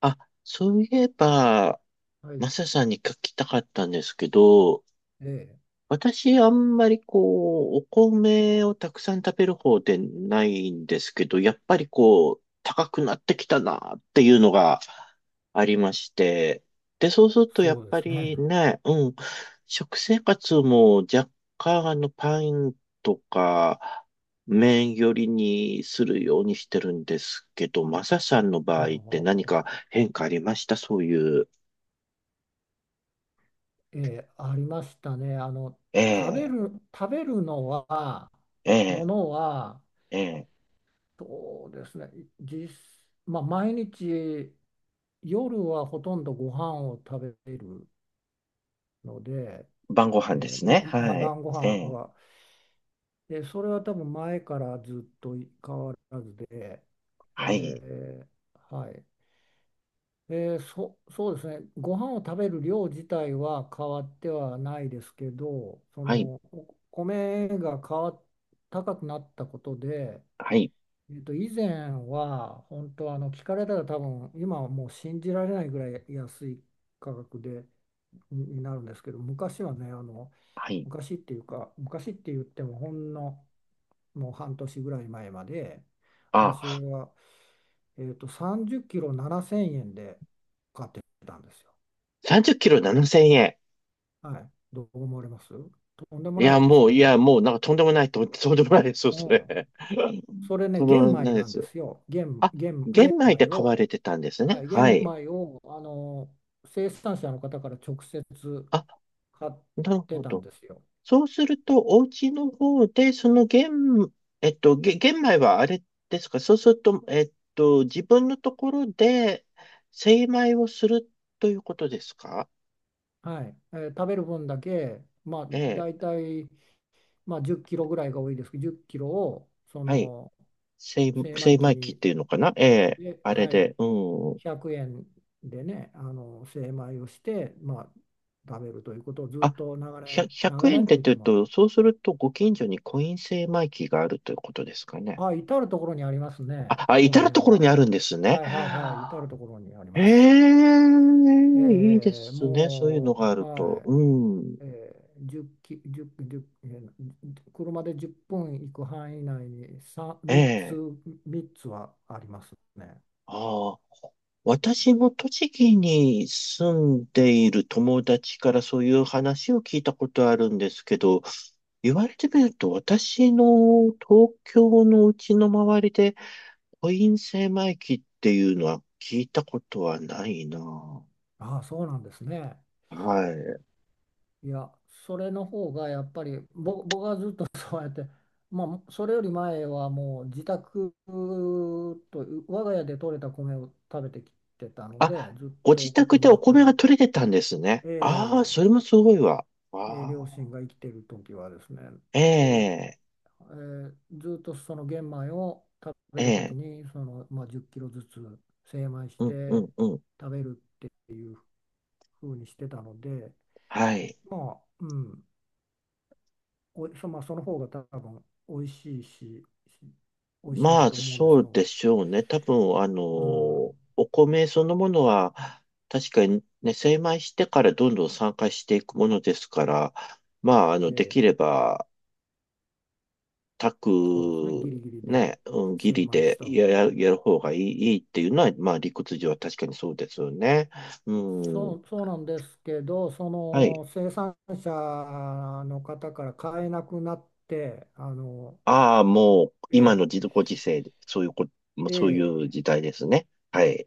あ、そういえば、はい、マサさんに聞きたかったんですけど、ええ、私、あんまりお米をたくさん食べる方でないんですけど、やっぱり高くなってきたなっていうのがありまして、で、そうするとやっそうでぱすね。りね、うん、食生活も若干パンとか、麺寄りにするようにしてるんですけど、マサさんの場ほう合ってほう何ほか変化ありましたそういう。う、ええ、ありましたね。え食べえ、る、食べるのは、えもえ、のは、ええ。そうですね。実、まあ、毎日、夜はほとんどご飯を食べるので、晩ご飯でええ、すね。まあはい。晩ごえ飯え。は、ええ、それは多分前からずっと変わらずで、はい。ええ、はい。そうですね。ご飯を食べる量自体は変わってはないですけど、そはい。のお米が変わっ高くなったことで、はい。以前は本当、聞かれたら多分今はもう信じられないぐらい安い価格になるんですけど、昔はね、はい。昔っていうか昔って言っても、ほんのもう半年ぐらい前まであ、私は、30キロ7000円で買ってたんですよ。30キロ7000円。はい、どう思われます？とんでもいなや、いですもう、よいや、ね。もう、なんかとんでもない、と、とんでもないですよ、うそれ。ん、それね、とんで玄もな米いでなんすでよ。すよ。玄、あ、玄、玄玄米で米買わを、れてたんですね。はい、は玄い。米を生産者の方から直接あ、買っなるてほたんど。ですよ。そうすると、お家の方で、その玄、えっと、げ玄米はあれですかそうすると、えっと、自分のところで精米をするということですか。はい、食べる分だけ、まあ、え大え。体、まあ、10キロぐらいが多いですけど、10キロをそはい。の精、精米精機米機っに、ていうのかな、ええ、で、あれはい、で、うん。100円でね、精米をして、まあ、食べるということをずあ、っと長ひゃ年、100長年っ円てでっ言ってて言うも、と、そうするとご近所にコイン精米機があるということですかね。あ、至るところにありますね、あ、こ至のる辺ところは。にあるんですね。はいはいはい、至るところにありえます。え、いいですね。そういうのがあもう、るはと。うん。い、えー、1キ、10、じゅうえー車で10分行く範囲内に、ええ。3つはありますね。ああ。私も栃木に住んでいる友達からそういう話を聞いたことあるんですけど、言われてみると、私の東京のうちの周りで、コイン精米機っていうのは聞いたことはないな。ああ、そうなんですね。はい。いや、それの方がやっぱり、僕はずっと そうやって、まあ、それより前はもう自宅と、我が家で採れた米を食べてきてたので、あ、ずっごと自送って宅でもらおった米がり、取れてたんですね。ああ、えそれもすごいわ。あ両あ、親が生きてる時はですね、えでえ、えーずっとその玄米を食べえるときえ、にまあ、10キロずつ精米しうん、うてん、うん。食べるっていうふうにしてたので、はい。まあ、うん、おいそ、まあ、その方が多分美味しいし、美味しいんまだあ、と思うんですそうでよ。しょうね。多分、あの、うん、お米そのものは、確かにね、精米してからどんどん酸化していくものですから、まあ、あの、でええ、きれば、炊そうですね。ギリく、ギリでね、うん、義精理米しでたや、方や、が。やる方がいい、いいっていうのは、まあ、理屈上は確かにそうですよね。うそん。う、そうなんですけど、そはい。の生産者の方から買えなくなって、ああ、もう、今のえ自ご時世で、そういうこ、もうそういええう時え、代ですね。はい。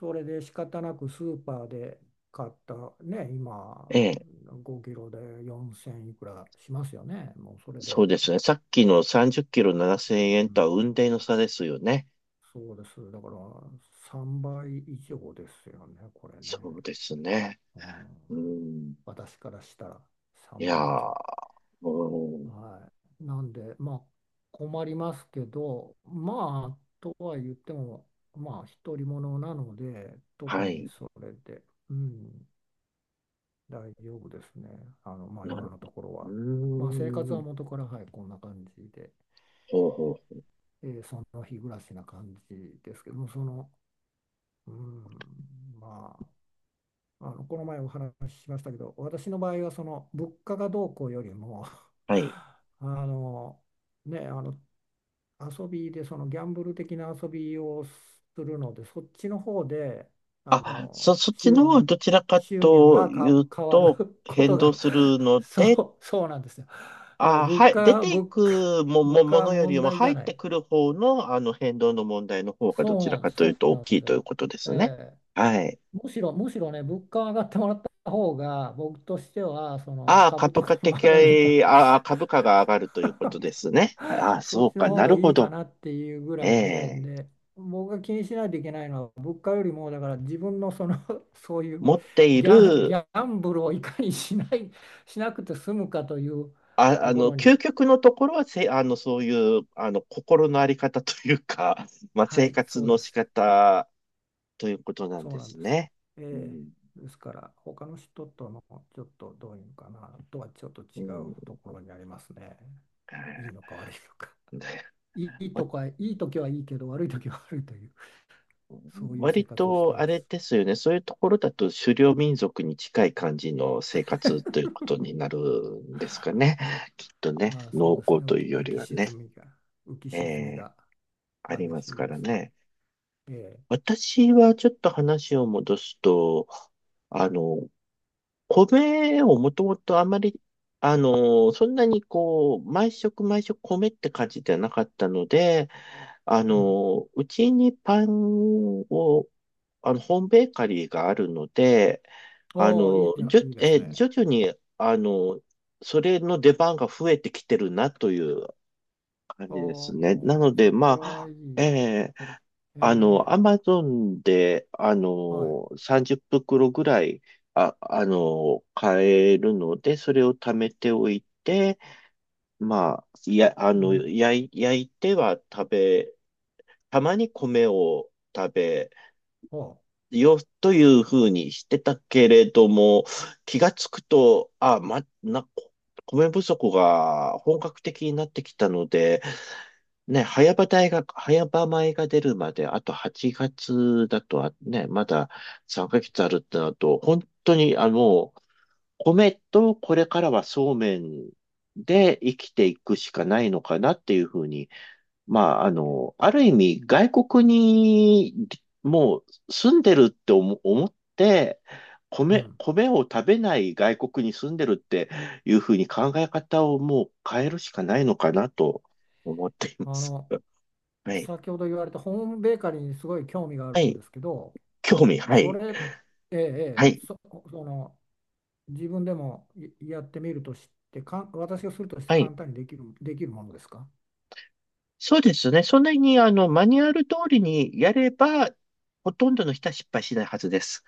それで仕方なくスーパーで買った、ね、今ええ。5キロで4000いくらしますよね。もうそれそうで、ですね。さっきの30キロ7000円うとはん、雲泥の差ですよね。そうです。だから3倍以上ですよね、これね。そうですね。うん、うん。私からしたらい3や倍以上。ー、うん。はい。なんで、まあ困りますけど、まあとは言っても、まあ独り者なので、特はにい。それで。うん、大丈夫ですね。まあ、なる今のほとど。ころは。うまあ、生活はん。元から、はい、こんな感じで、ほうほう。その日暮らしな感じですけども、うん、まあ、この前お話ししましたけど、私の場合は、物価がどうこうよりも、はい。あの、ね、遊びでギャンブル的な遊びをするので、そっちの方でああ、のそっち収の方は入どちらか収入とがいかう変わる と、こ変と動が、 する ので、そうそうなんですよ。だからあ、物はい。出価てい物価くも、物も、価もはのより問も題じゃ入っなてい。くる方の、あの変動の問題の方がどそうちらなんでかす、というそうと大なんできすいというよ。ことでえすね。え、はい。むしろね、物価上がってもらった方が僕としては、そのああ、株と株価かも上がるから。 的、ああ、株価が上がるということですね。ああ、そそっうちのか、方ながるいほいかど。なっていうぐえらいで、え。で、僕が気にしないといけないのは物価よりも、だから自分のその そうい持うっていギる、ャンブルをいかにしなくて済むかというあ、とあこの、ろ究に、極のところはせ、あの、そういう、あの、心のあり方というか、まあ、は生い、活そうので仕す。方ということなんそうでなんすです。ね。うえん、え、ですから他の人とのちょっと、どういうのかな、とはちょっとう違ん、うところにありますね。い いのか悪いのか。いいと私、か、いい時はいいけど悪い時は悪いという、そういう生割活をしてとあまれす。ですよね。そういうところだと狩猟民族に近い感じの生活ということになるんですかね。きっとね、まあそう農です耕ね、というよりはね、浮きえ沈みえ、があり激ますしいかでらす。ね。ええ、私はちょっと話を戻すと、あの、米をもともとあまり、あの、そんなにこう、毎食毎食米って感じではなかったので、あうん。の、うちにパンをあの、ホームベーカリーがあるので、あおお、いいの、じゃん、じゅ、いいですえね。徐々に、あの、それの出番が増えてきてるなという感じですおね。なのお、で、それまはあ、いい。えーえあの、え、アマゾンで、あはい。の、30袋ぐらい、あの、買えるので、それを貯めておいて、まあ、や、あの、な焼い、焼いては食べ、たまに米を食べ、おう、よ、というふうにしてたけれども、気がつくと、米不足が本格的になってきたので、ね、早場米が出るまで、あと8月だとはね、まだ3ヶ月あるってなると、本当にあの、米とこれからはそうめんで生きていくしかないのかなっていうふうに、まあ、あの、ある意味、外国にもう住んでるって思、思って、う米、ん。米を食べない外国に住んでるっていうふうに考え方をもう変えるしかないのかなと思っていまあす。の、はい。先ほど言われたホームベーカリーにすごい興味があはるんい。ですけど、興味、はそい。れ、ええ、はえい。そ、その、自分でもやってみるとして、私がするとしては簡い。単にできるものですか？そうですね。そんなに、あの、マニュアル通りにやれば、ほとんどの人は失敗しないはずです。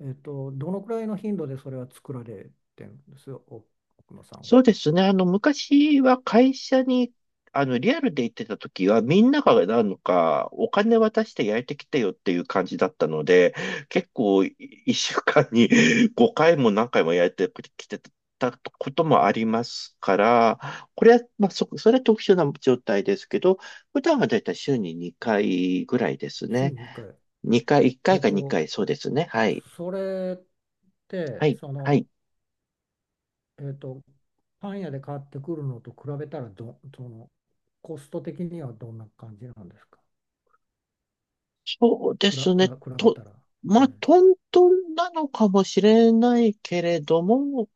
どのくらいの頻度でそれは作られてるんですよ、奥野さんは。そうですね。あの、昔は会社に、あの、リアルで行ってた時は、みんながなんか、お金渡して焼いてきてよっていう感じだったので、結構、一週間に 5回も何回も焼いてきてたこともありますから、これは、まあ、それは特殊な状態ですけど、普段はだいたい週に2回ぐらいです週ね。に1回。2回、1え回っかと、2回、そうですね。はい。それっはて、い。はい。えっと、パン屋で買ってくるのと比べたら、ど、その、コスト的にはどんな感じなんですか？そうでくら、すくね。ら、比べと、たら。まはあ、い。トントンなのかもしれないけれども、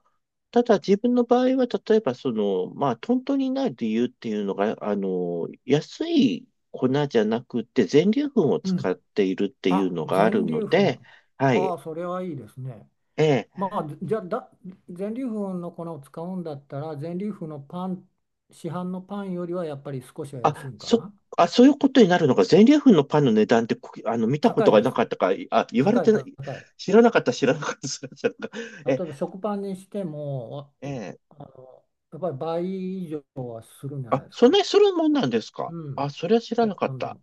ただ自分の場合は、例えばその、まあ、トントンになる理由っていうのが、あの、安い粉じゃなくて、全粒粉をう使っん。ているっていうあ、のがある全の粒粉。で、ははい。あ、それはいいですね。ええ。まあ、じゃあ、全粒粉の粉を使うんだったら、全粒粉のパン、市販のパンよりはやっぱり少しは安いあ、んかそ、な。あ、そういうことになるのか、全粒粉のパンの値段って、こあの、見たこ高といがでなすかっよ。たか、あ、言われ高い、てな高い、い。知らなかった、知らなかった、知らなかった。例え、えば食パンにしても、ええ。ああの、やっぱり倍以上はするんじゃないあ、ですそんか。なにするもんなんですか、うん。あ、それは知らな食かパっンでた。も。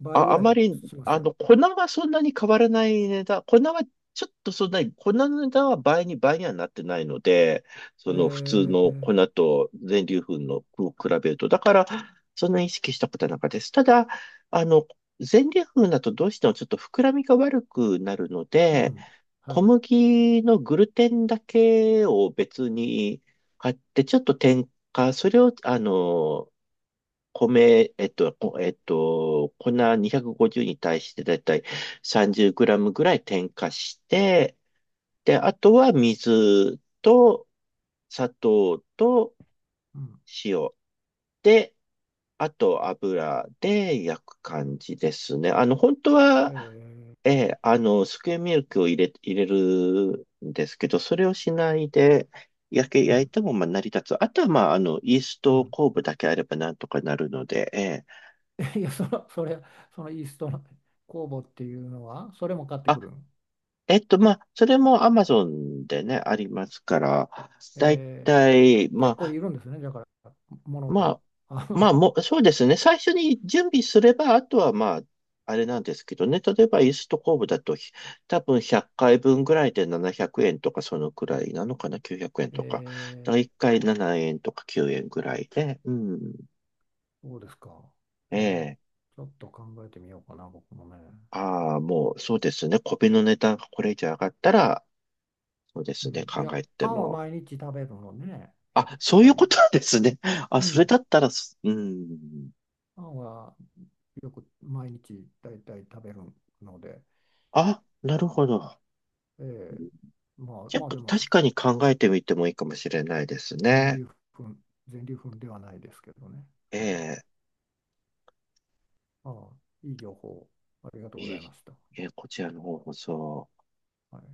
倍あ、ぐあらいまり、しますあよ。の、粉はそんなに変わらない値段。粉はちょっとそんなに、粉の値段は倍にはなってないので、えその普通の粉ー、と全粒粉のを比べると。だから、そんなに意識したことはなかったです。ただ、あの、全粒粉だとどうしてもちょっと膨らみが悪くなるのうで、ん。は小い。麦のグルテンだけを別に買って、ちょっと添加、それを、あの、米、えっと、こえっと、粉250に対してだいたい30グラムぐらい添加して、で、あとは水と砂糖とうん。塩で、あと油で焼く感じですね。あの、本当えは、えー、ーあの、スクエアミルクを入れるんですけど、それをしないで、焼け、う焼いん。てもまあ成り立つ。あとは、まあ、あの、イースうトん。酵母だけあればなんとかなるので、えー いや、そのイーストの酵母っていうのは、それも買ってくるの？えっと、まあ、それも Amazon でね、ありますから、だいえーたい、ま結構いあ、るんですね、だから、ものまが。あ、あまあ、の、もう、そうですね。最初に準備すれば、あとは、まあ、あれなんですけどね。例えば、イーストコーブだと、多分100回分ぐらいで700円とか、そのくらいなのかな、900円 とか。だからえ1回7円とか9円ぐらいで、うん。そうですか。ええーえ。ちょっと考えてみようかな、僕もね。ああ、もう、そうですね。米の値段がこれ以上上がったら、そうでうすね。ん、い考や、えてパンはも。毎日食べるのね、やっあ、そういぱうり。ことなんですね。あ、うそれだん、ったらす、うん。パンはよく毎日だいたい食べるので、あ、なるほど。えうーん。まあ、じゃ、まあでも、確かに考えてみてもいいかもしれないです全ね。粒粉、全粒粉ではないですけどね。えはい。え、ああ、いい情報、ありがとうございい、いました。ええ、こちらの方こそ。はい。